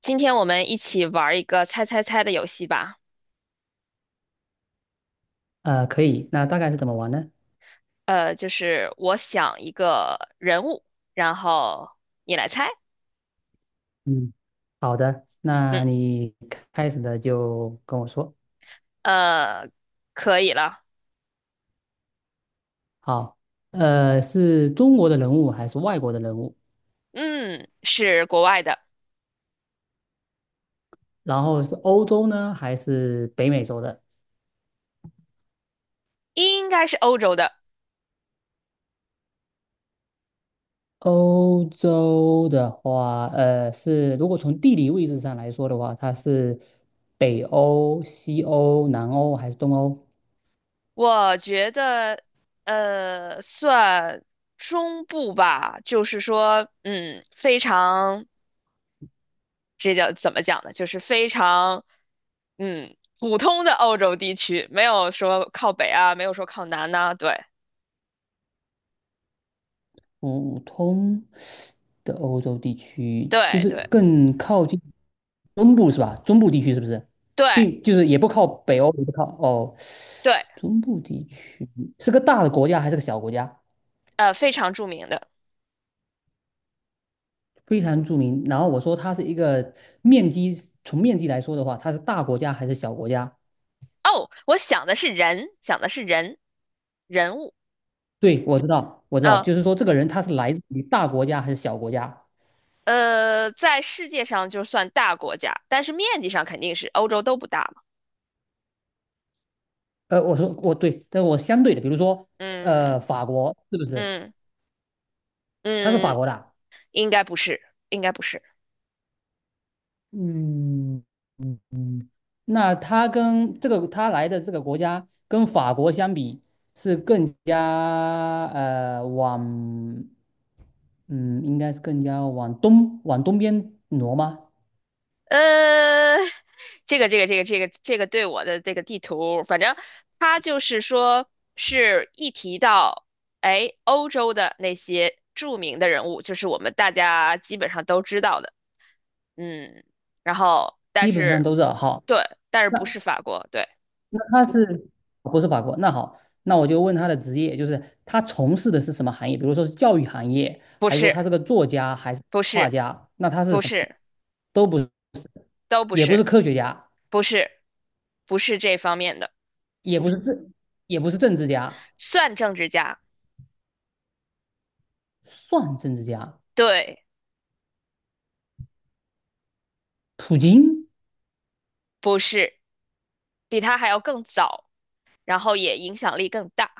今天我们一起玩一个猜猜猜的游戏吧。可以。那大概是怎么玩呢？就是我想一个人物，然后你来猜。嗯，好的，那嗯，你开始的就跟我说。呃，可以了。好，是中国的人物还是外国的人物？嗯，是国外的，然后是欧洲呢，还是北美洲的？应该是欧洲的。欧洲的话，是如果从地理位置上来说的话，它是北欧、西欧、南欧还是东欧？我觉得，算中部吧。就是说，嗯，非常，这叫怎么讲呢？就是非常，嗯，普通的欧洲地区，没有说靠北啊，没有说靠南呐，对。普通的欧洲地区，就对是对更靠近中部是吧？中部地区是不是？对并就是也不靠北欧，也不靠哦，对，中部地区是个大的国家还是个小国家？非常著名的。非常著名。然后我说它是一个面积，从面积来说的话，它是大国家还是小国家？哦，我想的是人，想的是人，人物。对，我知道，呃就是说这个人他是来自于大国家还是小国家？在世界上就算大国家，但是面积上肯定是欧洲都不大嘛。我说我对，但我相对的，比如说嗯法国是不是？嗯他是法嗯，国的啊。应该不是，应该不是。嗯嗯嗯，那他跟他来的这个国家跟法国相比，是更加往，嗯，应该是更加往东边挪吗？呃，这个对我的这个地图，反正它就是说是一提到。哎，欧洲的那些著名的人物，就是我们大家基本上都知道的。嗯，然后但基本上是，都是好。对，但是不是那法国，对，那他是不是法国？那好，那我就问他的职业，就是他从事的是什么行业？比如说是教育行业，不还是说是，他是个作家，还是不画是，家？那他是不什么？是，都不，都不也不是是，科学家。不是，不是这方面的，也不是政，也不是政治家，算政治家，算政治家。对，普京、不是，比他还要更早，然后也影响力更大，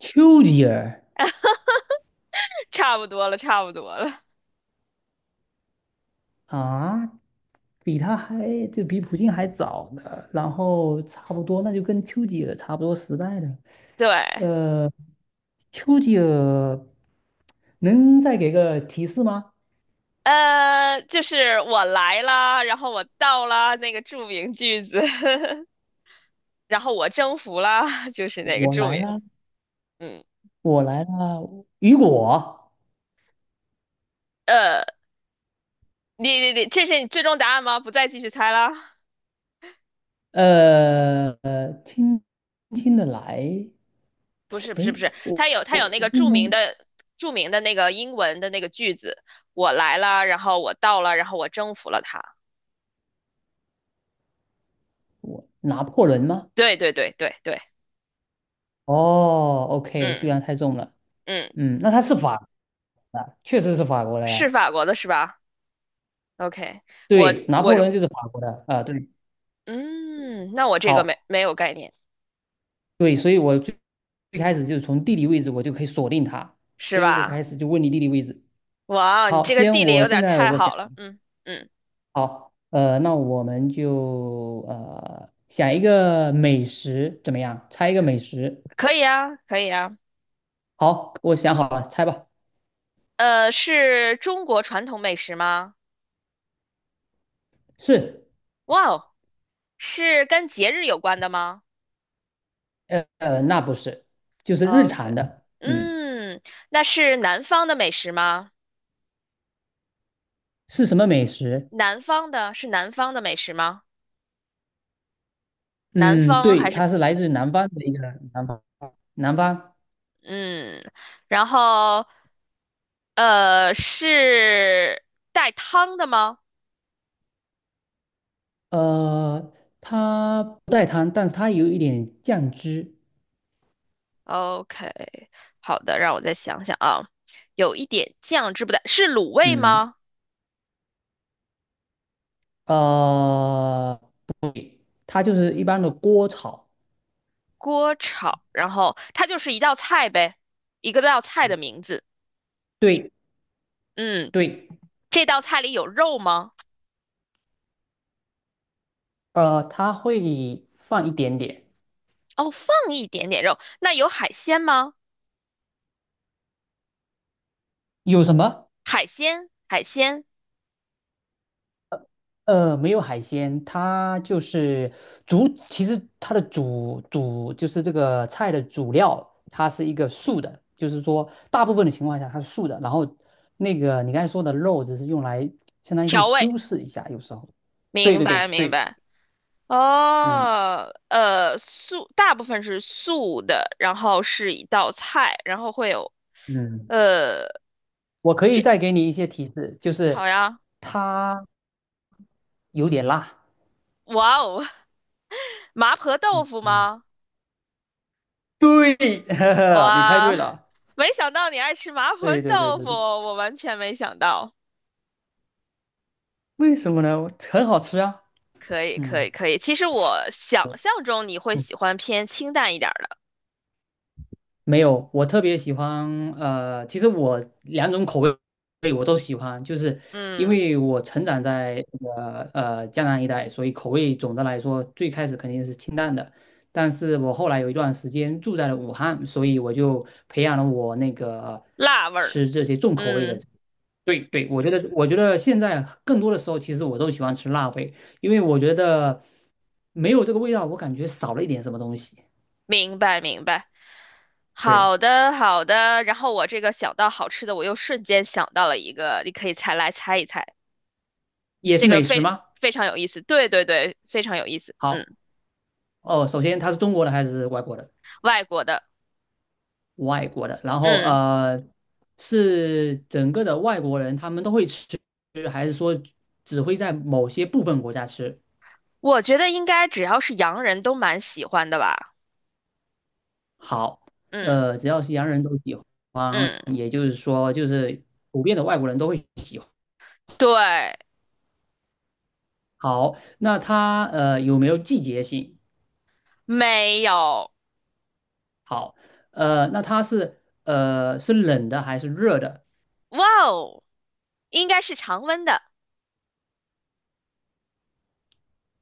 丘吉尔，差不多了，差不多了，啊，比他还，就比普京还早呢，然后差不多，那就跟丘吉尔差不多时代的。对，呃，丘吉尔能再给个提示吗？就是我来啦，然后我到啦，那个著名句子，然后我征服啦，就是那个我著来名，了，嗯。我来了。雨果，呃。你你你，这是你最终答案吗？不再继续猜了？轻轻的来，不是不是不哎，是，它我有那我，个著名的著名的那个英文的那个句子，我来了，然后我到了，然后我征服了它。我拿破仑吗？对对对对对，哦，OK,居嗯然猜中了。嗯，嗯，那他是法国的，确实是法国的是嘞。法国的是吧？OK,我对，拿我破仑就是法国的啊、对，嗯，那我这个好，没有概念对，所以我最最开始就是从地理位置我就可以锁定他，是所以我开吧？始就问你地理位置。哇哦，你好，这个先地理我有现点在太我想，好了，嗯嗯，好，那我们就想一个美食怎么样？猜一个美食。可以啊可以啊，好，我想好了，猜吧。呃，是中国传统美食吗？是，哇哦，是跟节日有关的吗？那不是，就是日 OK,常的。嗯，嗯，那是南方的美食吗？是什么美食？南方的是南方的美食吗？南嗯，方对，还是他是来自南方的一个南方，南方，嗯，然后是带汤的吗呃，他不带汤，但是他有一点酱汁，？OK,好的，让我再想想啊，有一点酱汁不带，是卤味嗯，吗？呃，对，它就是一般的锅炒，锅炒，然后它就是一道菜呗，一个道菜的名字。对嗯，对，这道菜里有肉吗？他会放一点点，哦，放一点点肉，那有海鲜吗？有什么？海鲜，海鲜没有海鲜，它就是主，其实它的主就是这个菜的主料，它是一个素的，就是说大部分的情况下它是素的。然后那个你刚才说的肉，只是用来相当于就调味，修饰一下，有时候。对明对对白明对，白。嗯哦，呃，素大部分是素的，然后是一道菜，然后会有，嗯，呃，我可以再给你一些提示，就是好呀，它有点辣。哇哦，麻婆豆嗯腐嗯，吗？对，呵呵，你猜哇，对了。没想到你爱吃麻婆对对对豆对腐，对，我完全没想到。为什么呢？很好吃啊。可以可嗯。以可以，其实我想象中你会喜欢偏清淡一点儿的，没有，我特别喜欢，其实我两种口味我都喜欢，就是因嗯，为我成长在这个江南一带，所以口味总的来说最开始肯定是清淡的，但是我后来有一段时间住在了武汉，所以我就培养了我那个辣味儿，吃这些重口味的。嗯，对对，我觉得现在更多的时候，其实我都喜欢吃辣味，因为我觉得没有这个味道，我感觉少了一点什么东西。明白明白。对，好的，好的。然后我这个想到好吃的，我又瞬间想到了一个，你可以猜来猜一猜，也是这个美食吗？非常有意思。对对对，非常有意思。好。嗯，哦，首先它是中国的还是外国的？外国的，外国的，然后嗯，是整个的外国人，他们都会吃，只会在某些部分国家吃。我觉得应该只要是洋人都蛮喜欢的吧。好，嗯只要是洋人都喜欢，嗯，也就是说，就是普遍的外国人都会喜欢。对，好，那它有没有季节性？没有，好，那它是是冷的还是热的？哇哦，应该是常温的。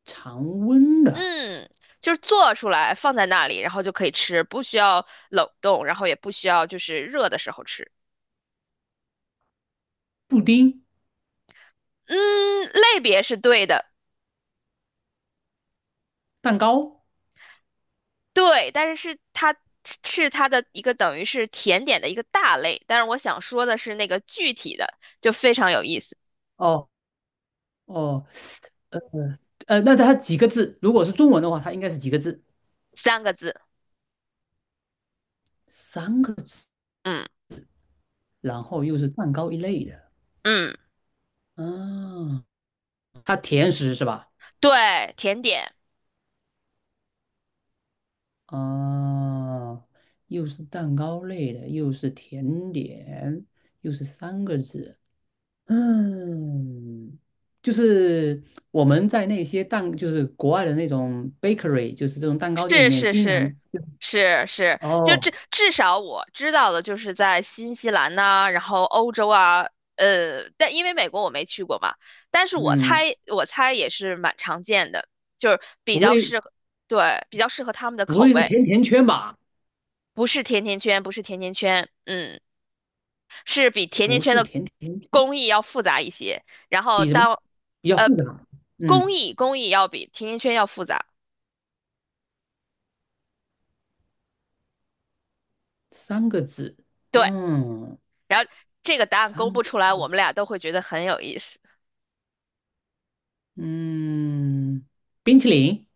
常温的嗯，就是做出来放在那里，然后就可以吃，不需要冷冻，然后也不需要就是热的时候吃。布丁嗯，类别是对的。蛋糕？对，但是是它的一个等于是甜点的一个大类，但是我想说的是那个具体的就非常有意思，哦哦，那它几个字？如果是中文的话，它应该是几个字？三个字，三个字，嗯然后又是蛋糕一类的。嗯，啊，它甜食是吧？对，甜点，啊，又是蛋糕类的，又是甜点，又是三个字。嗯，就是我们在那些蛋，就是国外的那种 bakery,就是这种蛋糕店里是面，是经是常是是，就哦，至少我知道的就是在新西兰呐、然后欧洲啊，呃，但因为美国我没去过嘛，但是嗯，我猜也是蛮常见的，就是比不较会适合，对，比较适合他们的不口会是味。甜甜圈吧？不是甜甜圈，不是甜甜圈，嗯。是比甜甜不圈是的甜甜圈。工艺要复杂一些，然后比什么？当比较呃复杂。嗯，工艺要比甜甜圈要复杂，三个字。对，嗯，然后这个答案公三布个出来，我字。们俩都会觉得很有意思，嗯，冰淇淋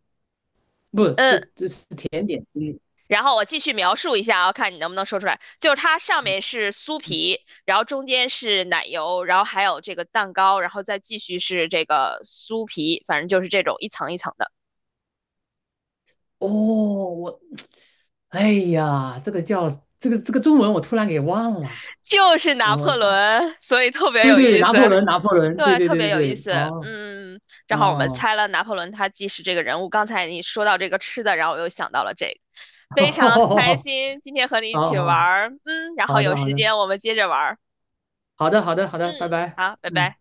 不，嗯，这是甜点。嗯然后我继续描述一下啊，看你能不能说出来。就是它上面是酥嗯皮，然后中间是奶油，然后还有这个蛋糕，然后再继续是这个酥皮，反正就是这种一层一层的，哦，我，哎呀，这个叫这个中文我突然给忘了。就是拿我破当仑，所以特别对有对对，意拿思。破仑，拿破仑，对对，对特对别对有意对。思。哦嗯，正好我们哦，猜了拿破仑他既是这个人物，刚才你说到这个吃的，然后我又想到了这个，哦非常开哦，心今天和你 一好起玩好儿。嗯，然后好有的好时的间我们接着玩儿。好的好的好的，拜嗯，拜。好，拜嗯。拜。